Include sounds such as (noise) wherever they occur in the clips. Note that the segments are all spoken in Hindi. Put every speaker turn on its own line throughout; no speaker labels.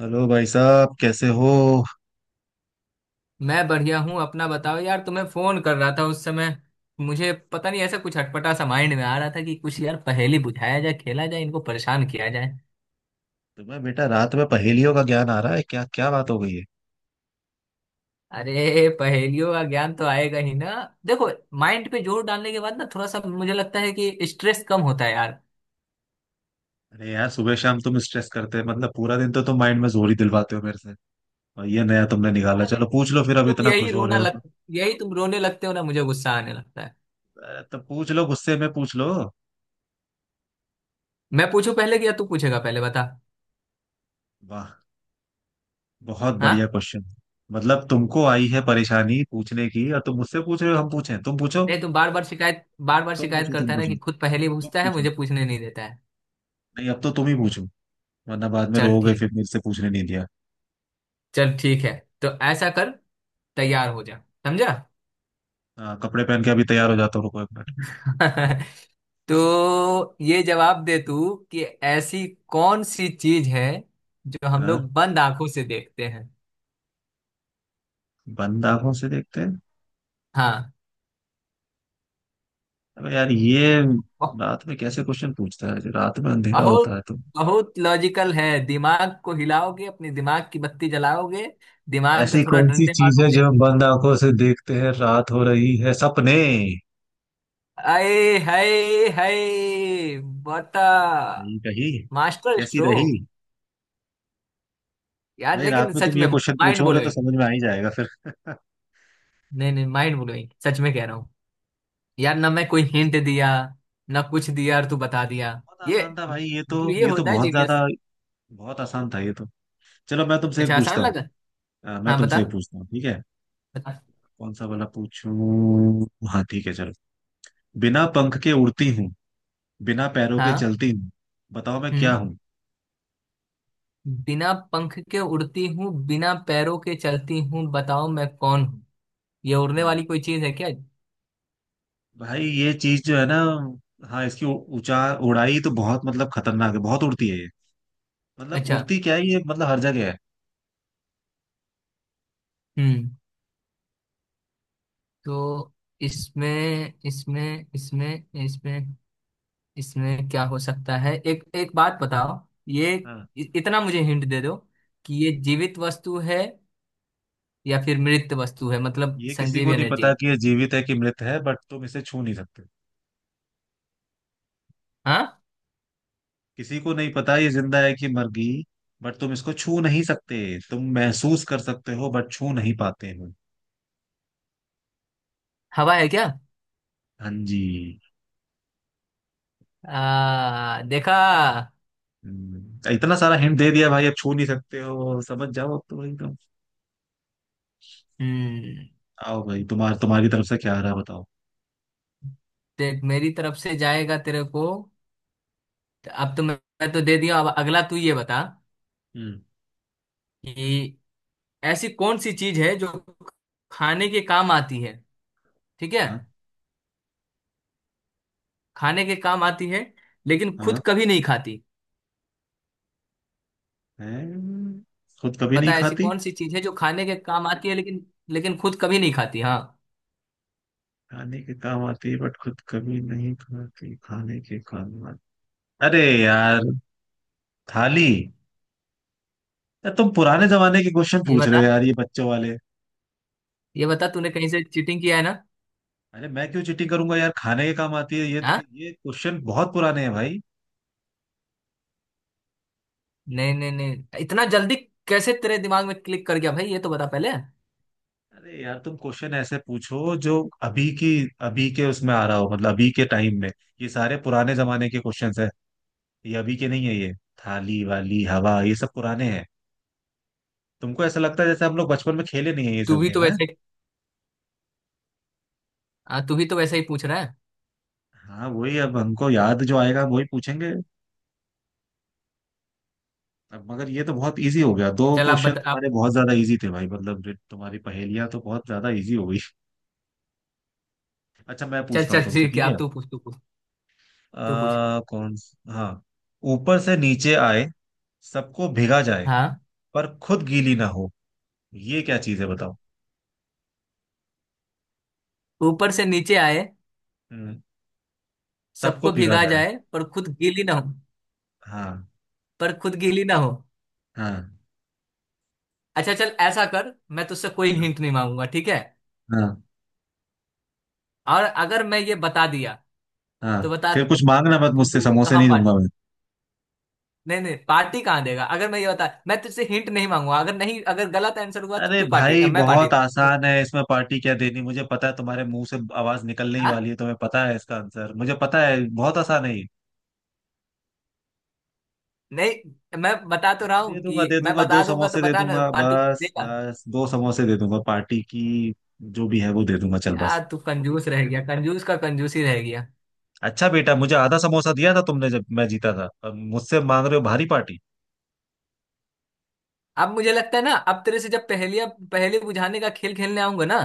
हेलो भाई साहब, कैसे हो।
मैं बढ़िया हूँ। अपना बताओ यार, तुम्हें फोन कर रहा था उस समय। मुझे पता नहीं, ऐसा कुछ अटपटा सा माइंड में आ रहा था कि कुछ यार पहेली बुझाया जाए, खेला जाए, इनको परेशान किया जाए।
तुम्हें बेटा रात में पहेलियों का ज्ञान आ रहा है क्या? क्या बात हो गई है।
अरे, पहेलियों का ज्ञान तो आएगा ही ना। देखो, माइंड पे जोर डालने के बाद ना थोड़ा सा मुझे लगता है कि स्ट्रेस कम होता है यार।
अरे यार, सुबह शाम तुम स्ट्रेस करते हैं, मतलब पूरा दिन तो तुम माइंड में जोर ही दिलवाते हो मेरे से। और ये नया तुमने निकाला,
अरे,
चलो पूछ लो फिर, अब
तुम
इतना
यही
खुश हो रहे
रोना
हो
लग
तो।
यही तुम रोने लगते हो ना, मुझे गुस्सा आने लगता है।
अरे, तो पूछ लो, गुस्से में पूछ लो।
मैं पूछूं पहले कि या तू पूछेगा पहले, बता।
वाह, बहुत
हाँ।
बढ़िया क्वेश्चन। मतलब तुमको आई है परेशानी पूछने की और तुम मुझसे पूछ रहे हो हम पूछे तुम पूछो।
नहीं, तुम बार बार शिकायत
तुम पूछो। तुम
करता है ना
पूछो।
कि खुद पहेली
तुम
पूछता है,
पूछो।
मुझे पूछने नहीं देता है।
नहीं, अब तो तुम ही पूछो, वरना बाद में
चल
रोओगे
ठीक
फिर मेरे से पूछने नहीं दिया।
चल ठीक है, तो ऐसा कर, तैयार हो जा, समझा।
हाँ, कपड़े पहन के अभी तैयार हो जाता हूँ, रुको एक मिनट।
(laughs) तो ये जवाब दे तू कि ऐसी कौन सी चीज है जो हम
हाँ?
लोग बंद आंखों से देखते हैं।
बंद आंखों से देखते हैं।
हाँ।
अबे यार, ये
ब-
रात में कैसे क्वेश्चन पूछता है, रात में अंधेरा होता
बहुत,
है तो।
बहुत लॉजिकल है। दिमाग को हिलाओगे, अपने दिमाग की बत्ती जलाओगे, दिमाग पे
ऐसी
थोड़ा
कौन सी
डंडे
चीज है
मारोगे।
जो हम बंद आंखों से देखते हैं, रात हो रही है, सपने।
आए, हाय, हाय, बता।
नहीं कही।
मास्टर
कैसी रही।
स्ट्रोक। यार
भाई रात
लेकिन
में तुम
सच
ये
में
क्वेश्चन
माइंड
पूछोगे तो
ब्लोइंग।
समझ में आ ही जाएगा फिर। (laughs)
नहीं नहीं, माइंड ब्लोइंग सच में कह रहा हूँ। यार ना मैं कोई हिंट दिया ना कुछ दिया, और तू बता दिया।
बहुत
ये
आसान था भाई,
मतलब ये
ये तो
होता है
बहुत
जीनियस।
ज्यादा। बहुत आसान था ये तो। चलो मैं तुमसे एक
अच्छा, आसान
पूछता हूँ।
लगा।
मैं
हाँ बता,
तुमसे एक पूछता हूँ, ठीक है।
बता।
कौन सा वाला पूछूं। हाँ ठीक है, चलो। बिना पंख के उड़ती हूँ, बिना पैरों के
हाँ,
चलती हूँ, बताओ मैं क्या
हम्म।
हूँ।
बिना पंख के उड़ती हूँ, बिना पैरों के चलती हूँ, बताओ मैं कौन हूँ। ये उड़ने
हाँ,
वाली कोई चीज है क्या?
भाई ये चीज जो है ना, हाँ, इसकी ऊंचा उड़ाई तो बहुत, मतलब खतरनाक है, बहुत उड़ती है ये। मतलब
अच्छा,
उड़ती क्या है ये, मतलब हर जगह है।
हम्म। तो इसमें इसमें इसमें इसमें इसमें क्या हो सकता है, एक एक बात बताओ। ये,
हाँ,
इतना मुझे हिंट दे दो कि ये जीवित वस्तु है या फिर मृत वस्तु है, मतलब
ये किसी
संजीव
को नहीं
एनर्जी।
पता कि ये जीवित है कि मृत है, बट तुम इसे छू नहीं सकते।
हाँ,
किसी को नहीं पता ये जिंदा है कि मर गई, बट तुम इसको छू नहीं सकते। तुम महसूस कर सकते हो बट छू नहीं पाते हो।
हवा है क्या?
हाँ जी।
आ, देखा।
इतना सारा हिंट दे दिया भाई, अब छू नहीं सकते हो, समझ जाओ अब तो एकदम।
हम्म।
आओ भाई, तुम्हारी तरफ से क्या आ रहा है, बताओ।
देख, मेरी तरफ से जाएगा तेरे को। तो अब तो मैं तो दे दिया, अब अगला तू ये बता
हम्म।
कि ऐसी कौन सी चीज है जो खाने के काम आती है, ठीक है?
हाँ।
खाने के काम आती है लेकिन खुद
हाँ।
कभी नहीं खाती।
हैं। खुद कभी नहीं
बता ऐसी
खाती।
कौन सी चीज है जो खाने के काम आती है लेकिन लेकिन खुद कभी नहीं खाती। हाँ,
खाने के काम आती है बट खुद कभी नहीं खाती, खाने के काम आती। अरे यार, थाली। यार तुम पुराने जमाने के क्वेश्चन
ये
पूछ रहे
बता,
हो यार, ये बच्चों वाले।
ये बता, तूने कहीं से चीटिंग किया है ना।
अरे मैं क्यों चिटिंग करूंगा यार, खाने के काम आती है ये।
हाँ।
ये क्वेश्चन बहुत पुराने हैं भाई।
नहीं नहीं नहीं, इतना जल्दी कैसे तेरे दिमाग में क्लिक कर गया भाई, ये तो बता पहले।
अरे यार, तुम क्वेश्चन ऐसे पूछो जो अभी की, अभी के उसमें आ रहा हो, मतलब अभी के टाइम में। ये सारे पुराने जमाने के क्वेश्चंस हैं। ये अभी के नहीं है ये। थाली वाली हवा ये सब पुराने हैं। तुमको ऐसा लगता है जैसे हम लोग बचपन में खेले नहीं है ये
तू
सब
भी तो
गेम है।
वैसे हाँ, तू भी तो वैसे ही पूछ रहा है।
हाँ वही, अब हमको याद जो आएगा वही पूछेंगे। अब मगर ये तो बहुत इजी हो गया, दो
चल आप
क्वेश्चन
बता, आप।
तुम्हारे बहुत ज्यादा इजी थे भाई, मतलब जो तुम्हारी पहेलियां तो बहुत ज्यादा इजी हो गई। (laughs) अच्छा मैं
चल
पूछता हूँ
चल
तुमसे,
ठीक है,
ठीक है।
आप, तू पूछ। तू पूछ।
कौन। हाँ। ऊपर से नीचे आए, सबको भिगा जाए,
हाँ।
पर खुद गीली ना हो, ये क्या चीज है बताओ।
ऊपर से नीचे आए,
हम्म। सबको
सबको
भिगा
भिगा
जाए।
जाए, पर खुद गीली ना हो।
हाँ।
पर खुद गीली ना हो।
हाँ।
अच्छा चल ऐसा कर, मैं तुझसे कोई
हाँ।
हिंट नहीं मांगूंगा, ठीक है?
हाँ।
और अगर मैं ये बता दिया
हाँ।
तो बता,
फिर कुछ मांगना मत मुझसे,
तू
समोसे
कहाँ
नहीं
पा
दूंगा।
नहीं नहीं, पार्टी कहाँ देगा? अगर मैं ये बता, मैं तुझसे हिंट नहीं मांगूंगा, अगर नहीं, अगर गलत आंसर हुआ तो
अरे
तू पार्टी,
भाई
मैं पार्टी
बहुत
दूंगा, तू-
आसान है, इसमें पार्टी क्या देनी, मुझे पता है तुम्हारे मुंह से आवाज निकलने ही वाली
हाँ।
है, तुम्हें पता है इसका आंसर, मुझे पता है, बहुत आसान है ये।
नहीं, मैं बता तो रहा
अरे
हूँ
दे दूंगा
कि
दे
मैं
दूंगा, दो
बता दूंगा, तो
समोसे दे
बता ना
दूंगा,
पार्टी
बस
देगा।
बस दो समोसे दे दूंगा पार्टी की। जो भी है वो दे दूंगा, चल बस।
यार तू कंजूस रह गया, कंजूस का कंजूस ही रह गया।
अच्छा बेटा, मुझे आधा समोसा दिया था तुमने जब मैं जीता था, अब मुझसे मांग रहे हो भारी पार्टी।
अब मुझे लगता है ना, अब तेरे से जब पहेलियां पहेली बुझाने का खेल खेलने आऊंगा ना,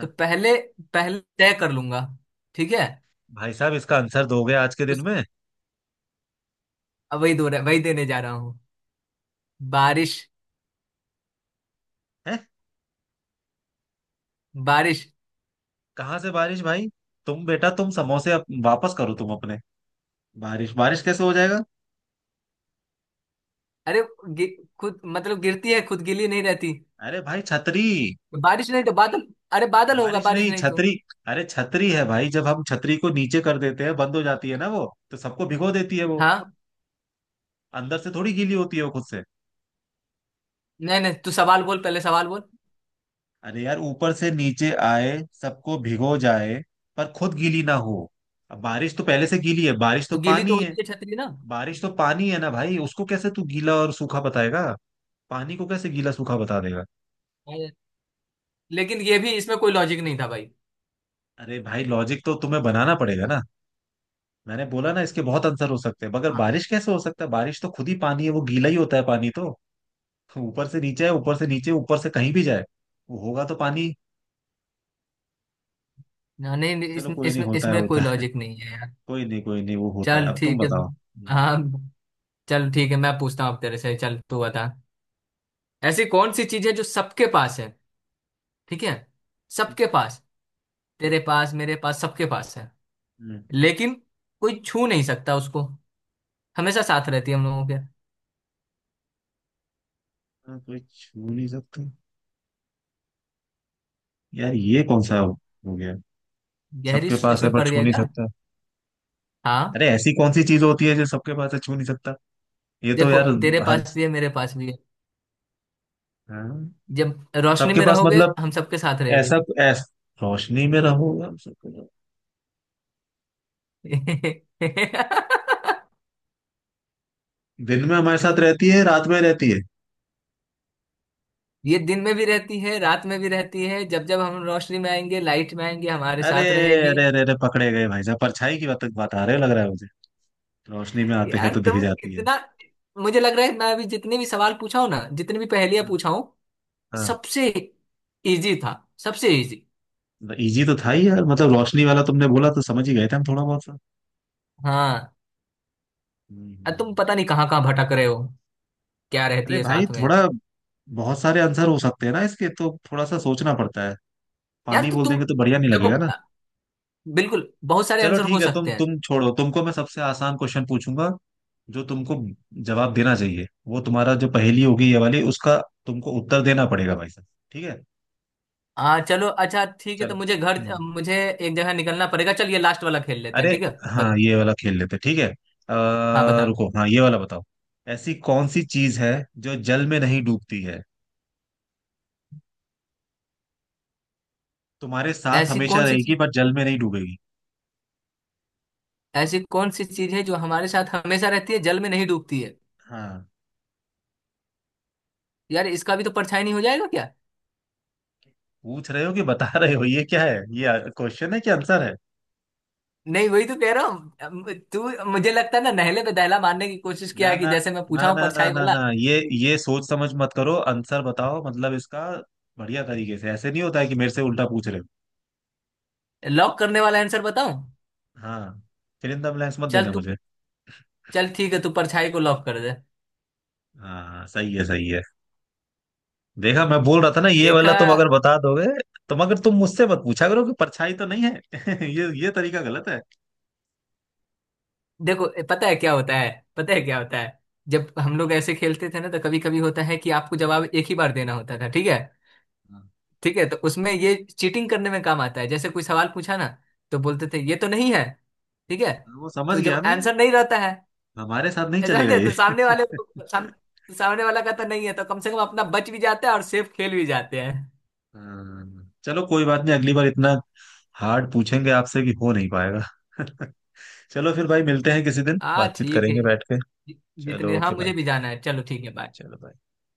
तो पहले पहले तय कर लूंगा, ठीक है।
भाई साहब इसका आंसर दोगे आज के दिन
उस
में।
अब वही दो, वही देने जा रहा हूँ। बारिश।
है।
बारिश।
कहाँ से बारिश भाई। तुम बेटा, तुम समोसे वापस करो तुम अपने। बारिश, बारिश कैसे हो जाएगा।
अरे, गि- खुद मतलब गिरती है, खुद गीली नहीं रहती।
अरे भाई छतरी।
बारिश नहीं तो बादल। अरे बादल होगा,
बारिश
बारिश
नहीं,
नहीं तो।
छतरी। अरे छतरी है भाई, जब हम छतरी को नीचे कर देते हैं बंद हो जाती है ना वो, तो सबको भिगो देती है वो।
हाँ।
अंदर से थोड़ी गीली होती है वो खुद से।
नहीं नहीं, तू सवाल बोल, पहले सवाल बोल।
अरे यार, ऊपर से नीचे आए, सबको भिगो जाए, पर खुद गीली ना हो। अब बारिश तो पहले से गीली है, बारिश तो
तो गीली तो
पानी है।
होती है छतरी ना।
बारिश तो पानी है ना भाई, उसको कैसे तू गीला और सूखा बताएगा। पानी को कैसे गीला सूखा बता देगा।
अरे, लेकिन ये भी इसमें कोई लॉजिक नहीं था भाई।
अरे भाई, लॉजिक तो तुम्हें बनाना पड़ेगा ना। मैंने बोला ना, इसके बहुत आंसर हो सकते हैं, मगर
हाँ।
बारिश कैसे हो सकता है, बारिश तो खुद ही पानी है, वो गीला ही होता है पानी तो। तो ऊपर से नीचे है, ऊपर से नीचे, ऊपर से कहीं भी जाए वो होगा तो पानी।
ना, नहीं नहीं,
चलो, कोई नहीं,
इसमें
होता है
इसमें कोई
होता है।
लॉजिक नहीं है
(laughs)
यार।
कोई नहीं कोई नहीं, वो होता है,
चल
अब तुम
ठीक है
बताओ।
हाँ, चल ठीक है, मैं पूछता हूँ अब तेरे से, चल तू बता। ऐसी कौन सी चीज है जो सबके पास है, ठीक है?
हम्म,
सबके पास, तेरे पास, मेरे पास, सबके पास है,
हम्म,
लेकिन कोई छू नहीं सकता उसको, हमेशा साथ रहती है हम लोगों के।
हाँ, कोई छू नहीं सकता। यार ये कौन सा हो गया।
गहरी
सबके
सोच
पास है
में
पर
पड़
छू
गया
नहीं
क्या?
सकता।
हाँ।
अरे ऐसी कौन सी चीज होती है जो सबके पास है, छू नहीं सकता। ये तो
देखो,
यार।
तेरे
हर।
पास भी है, मेरे पास भी है,
हाँ।
जब रोशनी
सबके
में
पास
रहोगे
मतलब।
हम सबके साथ रहेगी।
ऐसा रोशनी में रहोगे हम सबके पास। दिन में हमारे साथ रहती है, रात में रहती है।
(laughs) ये दिन में भी रहती है, रात में भी रहती है, जब जब हम रोशनी में आएंगे, लाइट में आएंगे, हमारे
अरे
साथ रहेगी।
अरे अरे अरे, पकड़े गए भाई साहब, परछाई की बात बता रहे हो लग रहा है मुझे। रोशनी में आते हैं
यार
तो दिख
तुम
जाती है।
इतना मुझे लग रहा है मैं अभी जितने भी सवाल पूछा हूं ना, जितनी भी पहेलियां
हाँ।
पूछा हूं,
हाँ।
सबसे इजी था सबसे इजी।
इजी तो था ही यार, मतलब रोशनी वाला तुमने बोला तो समझ ही गए थे हम थोड़ा बहुत सा।
हाँ।
हम्म,
अब तुम
हम्म।
पता नहीं कहाँ कहाँ भटक रहे हो, क्या रहती
अरे
है
भाई
साथ में।
थोड़ा, बहुत सारे आंसर हो सकते हैं ना इसके, तो थोड़ा सा सोचना पड़ता है।
यार
पानी
तो
बोल
तुम
देंगे तो बढ़िया नहीं
देखो,
लगेगा ना।
बिल्कुल, बहुत सारे
चलो
आंसर
ठीक
हो
है, तुम
सकते हैं।
तुम छोड़ो, तुमको मैं सबसे आसान क्वेश्चन पूछूंगा, जो तुमको, जवाब देना चाहिए वो तुम्हारा, जो पहेली होगी ये वाली उसका तुमको उत्तर देना पड़ेगा भाई साहब, ठीक है।
आ, चलो, अच्छा ठीक है,
चलो। हम्म।
मुझे एक जगह निकलना पड़ेगा, चल ये लास्ट वाला खेल लेते हैं,
अरे।
ठीक है।
हाँ
बत,
ये वाला खेल लेते, ठीक है।
हाँ बताओ।
रुको, हाँ ये वाला बताओ। ऐसी कौन सी चीज है जो जल में नहीं डूबती है, तुम्हारे साथ
ऐसी
हमेशा
कौन सी
रहेगी
चीज
पर जल में नहीं डूबेगी।
ऐसी कौन सी चीज है जो हमारे साथ हमेशा रहती है, जल में नहीं डूबती है?
हाँ।
यार इसका भी तो परछाई नहीं हो जाएगा क्या?
पूछ रहे हो कि बता रहे हो, ये क्या है, ये क्वेश्चन है कि आंसर है।
नहीं, वही तो कह रहा हूँ। तू, मुझे लगता है ना, नहले पे दहला मारने की कोशिश
ना
किया है कि
ना
जैसे मैं
ना
पूछा हूँ
ना ना
परछाई
ना
वाला।
ना, ये सोच समझ मत करो, आंसर बताओ मतलब इसका, बढ़िया तरीके से, ऐसे नहीं होता है कि मेरे से उल्टा पूछ रहे हो।
लॉक करने वाला आंसर बताऊं?
हाँ। फिर इन द ब्लैंक्स मत
चल
देना
तू
मुझे।
चल ठीक है, तू परछाई को लॉक कर दे।
हाँ सही है, सही है। देखा मैं बोल रहा था ना, ये वाला
देखा।
तुम अगर बता दोगे तो, मगर तुम मुझसे मत पूछा करो कि परछाई तो नहीं है। (laughs) ये तरीका गलत है।
देखो पता है क्या होता है, पता है क्या होता है, जब हम लोग ऐसे खेलते थे ना तो कभी कभी होता है कि आपको जवाब एक ही बार देना होता था, ठीक है।
हाँ,
ठीक है, तो उसमें ये चीटिंग करने में काम आता है, जैसे कोई सवाल पूछा ना तो बोलते थे ये तो नहीं है, ठीक है।
वो समझ
तो
गया
जब
मैं।
आंसर नहीं रहता है,
हमारे साथ नहीं
ऐसा
चलेगा
समझे
ये।
तो सामने वाले को- साम,
(laughs)
सामने वाला का तो नहीं है, तो कम से कम अपना बच भी जाता है और सेफ खेल भी जाते हैं।
हाँ, चलो कोई बात नहीं, अगली बार इतना हार्ड पूछेंगे आपसे कि हो नहीं पाएगा। (laughs) चलो फिर भाई, मिलते हैं किसी दिन,
हाँ
बातचीत
ठीक है।
करेंगे बैठ के।
जि- जितने,
चलो
हाँ
ओके
मुझे
भाई।
भी जाना है, चलो ठीक है, बाय।
चलो bye।